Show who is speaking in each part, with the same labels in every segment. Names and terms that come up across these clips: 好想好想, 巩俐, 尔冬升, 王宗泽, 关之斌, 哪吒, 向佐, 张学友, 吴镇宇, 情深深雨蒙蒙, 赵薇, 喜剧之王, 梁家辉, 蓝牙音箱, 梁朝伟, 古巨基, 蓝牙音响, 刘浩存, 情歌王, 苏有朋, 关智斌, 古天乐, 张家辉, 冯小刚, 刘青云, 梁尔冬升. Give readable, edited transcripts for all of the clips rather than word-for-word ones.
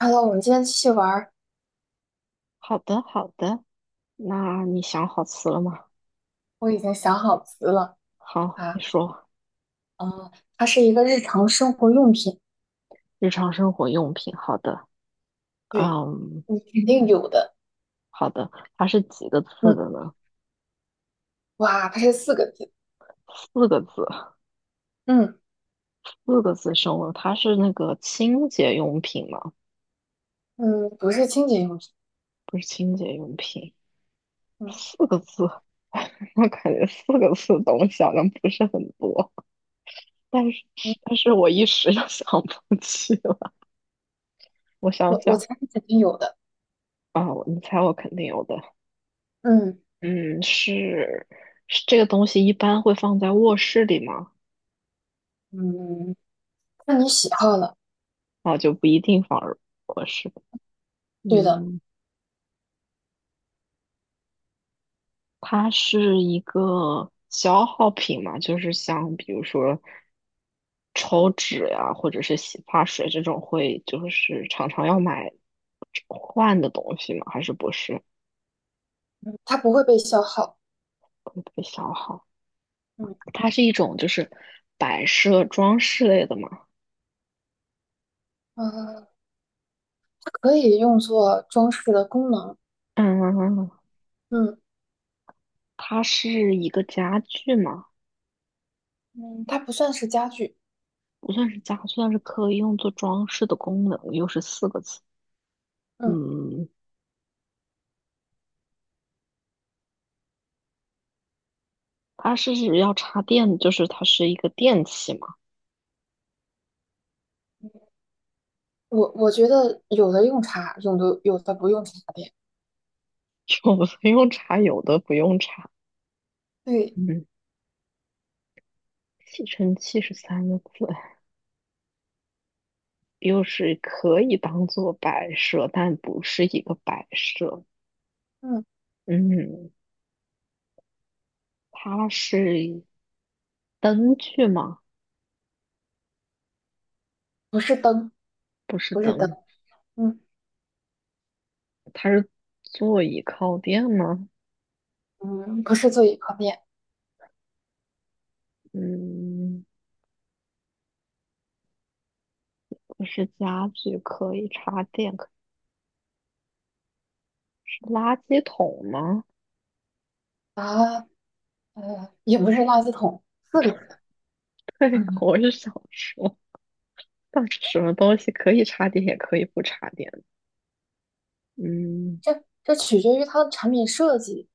Speaker 1: Hello，我们今天继续玩儿。
Speaker 2: 好的，好的。那你想好词了吗？
Speaker 1: 我已经想好词了
Speaker 2: 好，你
Speaker 1: 啊，
Speaker 2: 说。
Speaker 1: 哦，它是一个日常生活用品，
Speaker 2: 日常生活用品，好的。
Speaker 1: 对，
Speaker 2: 嗯，
Speaker 1: 你肯定有的。
Speaker 2: 好的。它是几个字
Speaker 1: 嗯，
Speaker 2: 的呢？
Speaker 1: 哇，它是四个字。
Speaker 2: 四个字，
Speaker 1: 嗯
Speaker 2: 四个字生物。它是那个清洁用品吗？
Speaker 1: 嗯，不是清洁用品。
Speaker 2: 不是清洁用品，
Speaker 1: 嗯
Speaker 2: 四个字。我感觉四个字的东西好像不是很多，但是
Speaker 1: 嗯，
Speaker 2: 但是我一时又 想不起了。我想
Speaker 1: 我
Speaker 2: 想
Speaker 1: 猜你肯定有的。
Speaker 2: 啊，我你猜我肯定有的。
Speaker 1: 嗯
Speaker 2: 嗯，是这个东西一般会放在卧室里吗？
Speaker 1: 嗯，看你喜好了。
Speaker 2: 那就不一定放卧室。
Speaker 1: 对的，
Speaker 2: 嗯，它是一个消耗品嘛，就是像比如说抽纸呀、或者是洗发水这种会就是常常要买换的东西吗？还是不是
Speaker 1: 嗯，它不会被消耗。
Speaker 2: 会被消耗？
Speaker 1: 嗯
Speaker 2: 它是一种就是摆设装饰类的嘛。
Speaker 1: 呃，它可以用作装饰的功能。
Speaker 2: 嗯，
Speaker 1: 嗯
Speaker 2: 它是一个家具吗？
Speaker 1: 嗯，它不算是家具。
Speaker 2: 不算是家，但是可以用作装饰的功能，又是四个字。
Speaker 1: 嗯，
Speaker 2: 嗯，它是指要插电，就是它是一个电器嘛，
Speaker 1: 我觉得有的用茶，有的不用茶的。
Speaker 2: 有的用插，有的不用插。
Speaker 1: 对。
Speaker 2: 嗯，吸尘器是三个字，又是可以当做摆设，但不是一个摆设。
Speaker 1: 嗯。
Speaker 2: 嗯，它是灯具吗？
Speaker 1: 不是灯，
Speaker 2: 不是
Speaker 1: 不是灯，
Speaker 2: 灯，
Speaker 1: 嗯
Speaker 2: 它是座椅靠垫吗？
Speaker 1: 嗯，不是座椅靠垫
Speaker 2: 嗯，不是家具，可以插电。垃圾桶吗？
Speaker 1: 啊，也不是垃圾桶，四个字。
Speaker 2: 对，
Speaker 1: 嗯，
Speaker 2: 我是想说，到底什么东西可以插电，也可以不插电？嗯，
Speaker 1: 这取决于它的产品设计，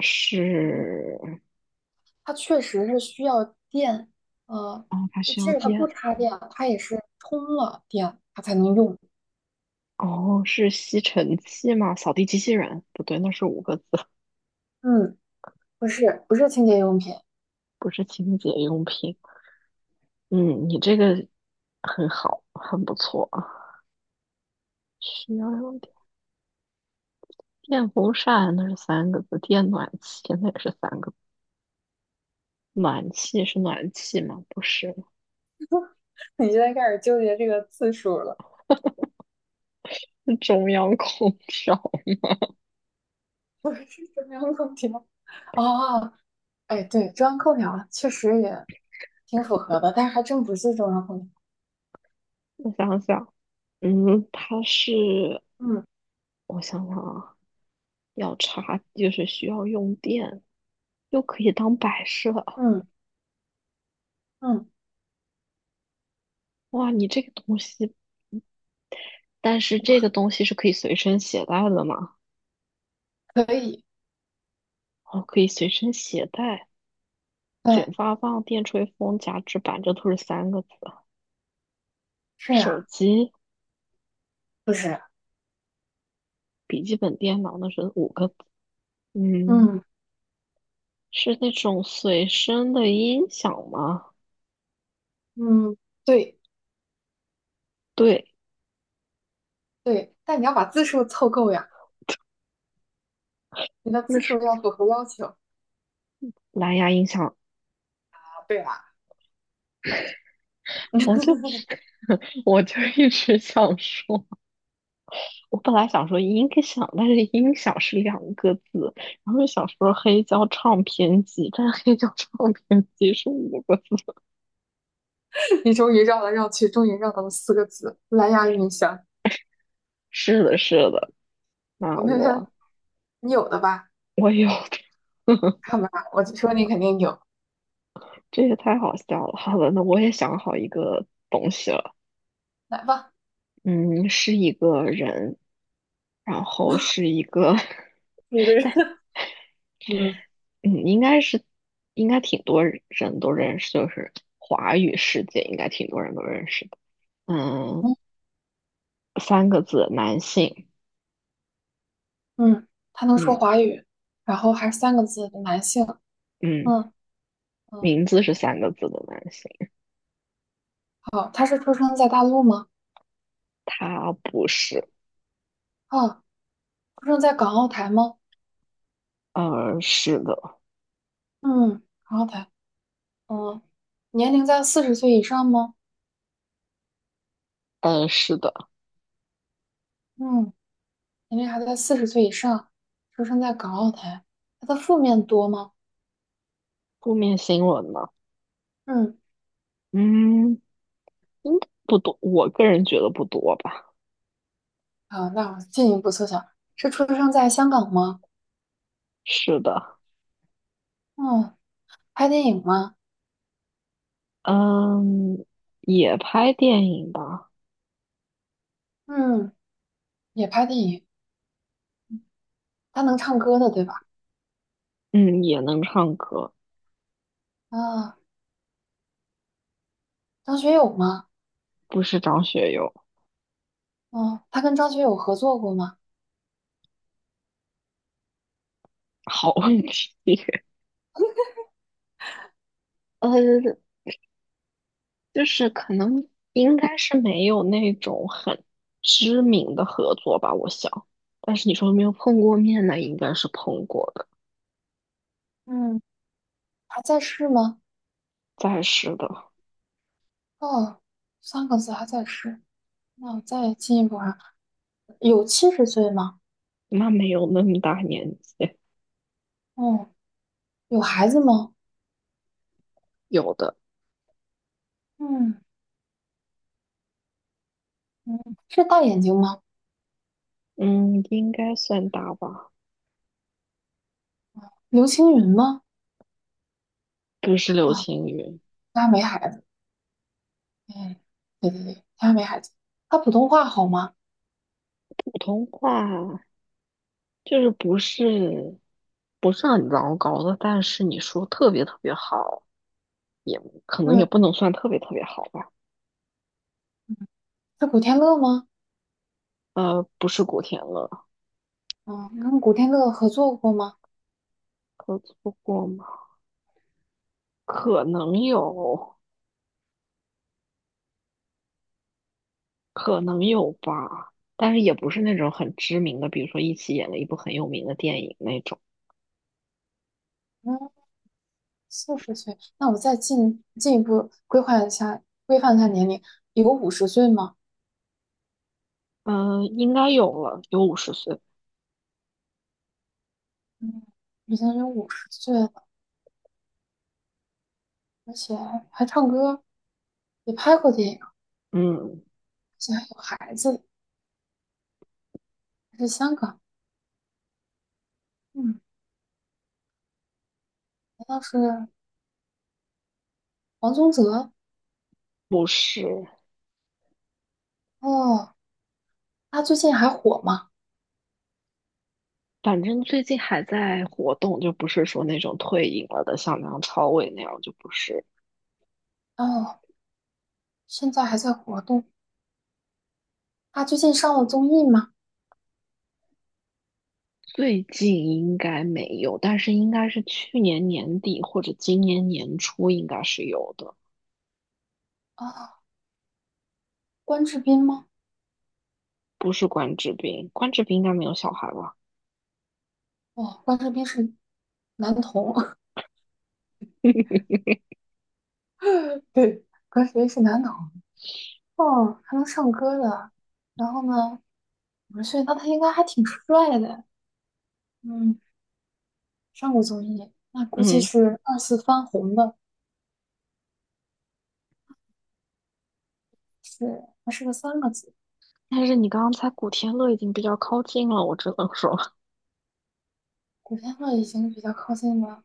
Speaker 2: 是，
Speaker 1: 它确实是需要电，呃，
Speaker 2: 哦，它
Speaker 1: 就
Speaker 2: 需
Speaker 1: 即
Speaker 2: 要
Speaker 1: 使它不
Speaker 2: 电。
Speaker 1: 插电啊，它也是充了电它才能用。
Speaker 2: 哦，是吸尘器吗？扫地机器人？不对，那是五个字，
Speaker 1: 嗯，不是清洁用品，
Speaker 2: 不是清洁用品。嗯，你这个很好，很不错啊。需要用电，电风扇那是三个字，电暖气那也是三个字暖气是暖气吗？不是，
Speaker 1: 你现在开始纠结这个字数了，
Speaker 2: 是中央空调。
Speaker 1: 不是中央空调。哦，哎，对，中央空调确实也挺符合的，但是还真不是中央空调。
Speaker 2: 我想想，嗯，它是
Speaker 1: 嗯。
Speaker 2: 我想想啊，要插就是需要用电，又可以当摆设。
Speaker 1: 嗯嗯，
Speaker 2: 哇，你这个东西，但是这个东西是可以随身携带的吗？
Speaker 1: 可以，
Speaker 2: 哦，可以随身携带，卷
Speaker 1: 对，
Speaker 2: 发棒、电吹风、夹直板，这都是三个字。
Speaker 1: 是
Speaker 2: 手
Speaker 1: 啊，
Speaker 2: 机、
Speaker 1: 不是，
Speaker 2: 笔记本电脑那是五个字。嗯，
Speaker 1: 嗯
Speaker 2: 是那种随身的音响吗？
Speaker 1: 嗯，对
Speaker 2: 对，
Speaker 1: 对，但你要把字数凑够呀，你的
Speaker 2: 那
Speaker 1: 字
Speaker 2: 是
Speaker 1: 数要符合要求啊。
Speaker 2: 蓝牙音响。
Speaker 1: 对啦，
Speaker 2: 我就 我就一直想说。我本来想说音响，但是音响是2个字，然后又想说黑胶唱片机，但是黑胶唱片机是五个字。
Speaker 1: 你终于绕来绕去，终于绕到了四个字，蓝牙音箱，
Speaker 2: 是的，是的，那我
Speaker 1: 你有的吧？
Speaker 2: 我有的，
Speaker 1: 看吧，我就说你肯定有，
Speaker 2: 这也太好笑了。好的，那我也想好一个东西了，
Speaker 1: 来吧，
Speaker 2: 嗯，是一个人，然后是一个，
Speaker 1: 一个人，嗯
Speaker 2: 嗯，应该挺多人都认识，就是华语世界应该挺多人都认识的，嗯，
Speaker 1: 嗯
Speaker 2: 三个字，男性，
Speaker 1: 嗯，他能说
Speaker 2: 嗯
Speaker 1: 华语，然后还是三个字的男性，
Speaker 2: 嗯。
Speaker 1: 嗯嗯，
Speaker 2: 名字是三个字的男性，
Speaker 1: 好，他是出生在大陆吗？
Speaker 2: 他不是。
Speaker 1: 啊，出生在港澳台吗？
Speaker 2: 呃，是的，
Speaker 1: 嗯，港澳台。嗯。年龄在四十岁以上吗？
Speaker 2: 呃，是的。
Speaker 1: 嗯，年龄还在四十岁以上，出生在港澳台。他的负面多吗？
Speaker 2: 负面新闻呢？
Speaker 1: 嗯，
Speaker 2: 嗯，应该不多，我个人觉得不多吧。
Speaker 1: 好，那我进一步缩小，是出生在香港吗？
Speaker 2: 是的，
Speaker 1: 嗯，拍电影吗？
Speaker 2: 嗯，也拍电影吧，
Speaker 1: 嗯，也拍电影。他能唱歌的，对吧？
Speaker 2: 嗯，也能唱歌，
Speaker 1: 啊，张学友吗？
Speaker 2: 不是张学友。
Speaker 1: 嗯，他跟张学友合作过吗？
Speaker 2: 好问题，呃，就是可能应该是没有那种很知名的合作吧，我想。但是你说有没有碰过面那应该是碰过的。
Speaker 1: 嗯，还在世吗？
Speaker 2: 再是的，
Speaker 1: 哦，三个字还在世。那我再进一步啊，有70岁吗？
Speaker 2: 那没有那么大年纪，
Speaker 1: 嗯，有孩子吗？
Speaker 2: 有的，
Speaker 1: 嗯嗯，是大眼睛吗？
Speaker 2: 嗯，应该算大吧。
Speaker 1: 刘青云吗？
Speaker 2: 不是流
Speaker 1: 啊，
Speaker 2: 行语，
Speaker 1: 他没孩子。哎，对对对，他没孩子。他普通话好吗？
Speaker 2: 普通话就是不是很糟糕的，但是你说特别特别好，也可能也
Speaker 1: 嗯，
Speaker 2: 不能算特别特别好吧。
Speaker 1: 是古天乐吗？
Speaker 2: 呃，不是古天乐，
Speaker 1: 嗯，跟古天乐合作过吗？
Speaker 2: 合作过吗？可能有，可能有吧，但是也不是那种很知名的，比如说一起演了一部很有名的电影那种。
Speaker 1: 嗯，四十岁。那我再进一步规划一下，规范一下年龄，有五十岁吗？
Speaker 2: 嗯，应该有了，有50岁。
Speaker 1: 嗯，已经有五十岁了，而且还唱歌，也拍过电影，而
Speaker 2: 嗯。
Speaker 1: 且还有孩子，还是香港。嗯，难道是王宗泽？
Speaker 2: 不是，
Speaker 1: 哦，他最近还火吗？
Speaker 2: 反正最近还在活动，就不是说那种退隐了的，像梁朝伟那样，就不是。
Speaker 1: 哦，现在还在活动。他最近上了综艺吗？
Speaker 2: 最近应该没有，但是应该是去年年底或者今年年初应该是有的，
Speaker 1: 啊，关智斌吗？
Speaker 2: 不是关之斌，关之斌应该没有小孩吧？
Speaker 1: 哦，关智斌是男童，对，关智斌是男童。哦，还能唱歌的。然后呢，五十岁，那他应该还挺帅的。嗯，上过综艺，那估计
Speaker 2: 嗯，
Speaker 1: 是二次翻红的。是，还是个三个字。
Speaker 2: 但是你刚才古天乐已经比较靠近了，我只能说
Speaker 1: 古天乐已经比较靠近了，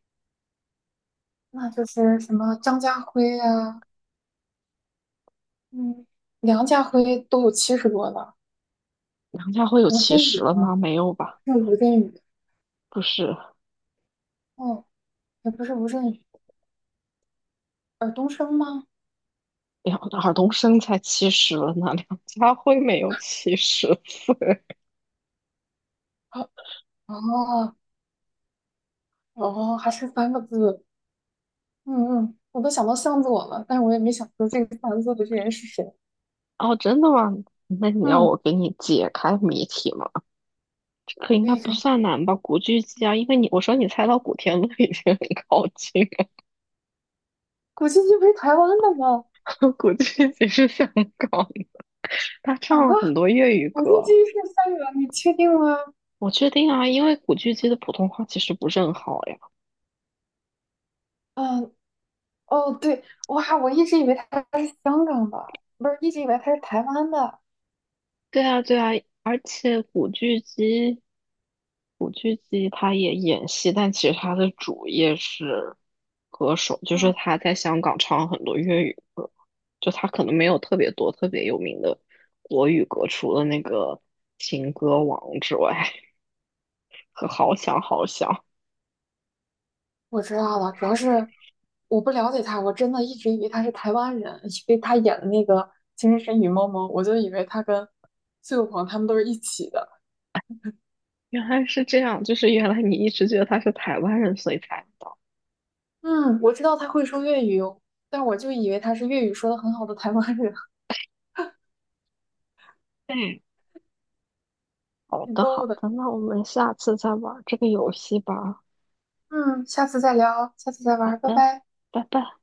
Speaker 1: 那就是什么张家辉呀，嗯，梁家辉都有70多了。
Speaker 2: 梁家辉有
Speaker 1: 吴
Speaker 2: 七
Speaker 1: 镇宇
Speaker 2: 十了吗？
Speaker 1: 吗？
Speaker 2: 没有吧？
Speaker 1: 是吴镇宇。
Speaker 2: 不是，
Speaker 1: 哦，也不是吴镇宇，尔冬升吗？
Speaker 2: 梁尔冬升才七十了呢，梁家辉没有70岁。
Speaker 1: 啊哦哦，还是三个字，嗯嗯，我都想到向佐了，但是我也没想出这个三个字的这人是谁。
Speaker 2: 哦，真的吗？那你要
Speaker 1: 嗯，
Speaker 2: 我给你解开谜题吗？这个应
Speaker 1: 可
Speaker 2: 该
Speaker 1: 以
Speaker 2: 不
Speaker 1: 可以，
Speaker 2: 算难吧？古巨基啊，因为你我说你猜到古天乐已经很靠近了，
Speaker 1: 古巨基不是台湾的吗？
Speaker 2: 古巨基是香港的，他
Speaker 1: 啊，
Speaker 2: 唱了很多粤语
Speaker 1: 古巨基
Speaker 2: 歌。
Speaker 1: 是香港，你确定吗？
Speaker 2: 我确定啊，因为古巨基的普通话其实不是很好呀。
Speaker 1: 嗯，哦对，哇，我一直以为他是香港的，不是，一直以为他是台湾的。
Speaker 2: 对啊，对啊，而且古巨基，古巨基他也演戏，但其实他的主业是歌手，就是
Speaker 1: 嗯，
Speaker 2: 他在香港唱很多粤语歌，就他可能没有特别多特别有名的国语歌，除了那个《情歌王》之外，和《好想好想》。
Speaker 1: 我知道了，主要是我不了解他，我真的一直以为他是台湾人，因为他演的那个《情深深雨蒙蒙》，我就以为他跟苏有朋他们都是一起的。
Speaker 2: 原来是这样，就是原来你一直觉得他是台湾人，所以才不到。
Speaker 1: 嗯，我知道他会说粤语哦但我就以为他是粤语说的很好的台湾人，
Speaker 2: 嗯，好
Speaker 1: 挺
Speaker 2: 的，
Speaker 1: 逗
Speaker 2: 好
Speaker 1: 的。
Speaker 2: 的，那我们下次再玩这个游戏吧。
Speaker 1: 嗯，下次再聊，下次再
Speaker 2: 好
Speaker 1: 玩，拜
Speaker 2: 的，
Speaker 1: 拜。
Speaker 2: 拜拜。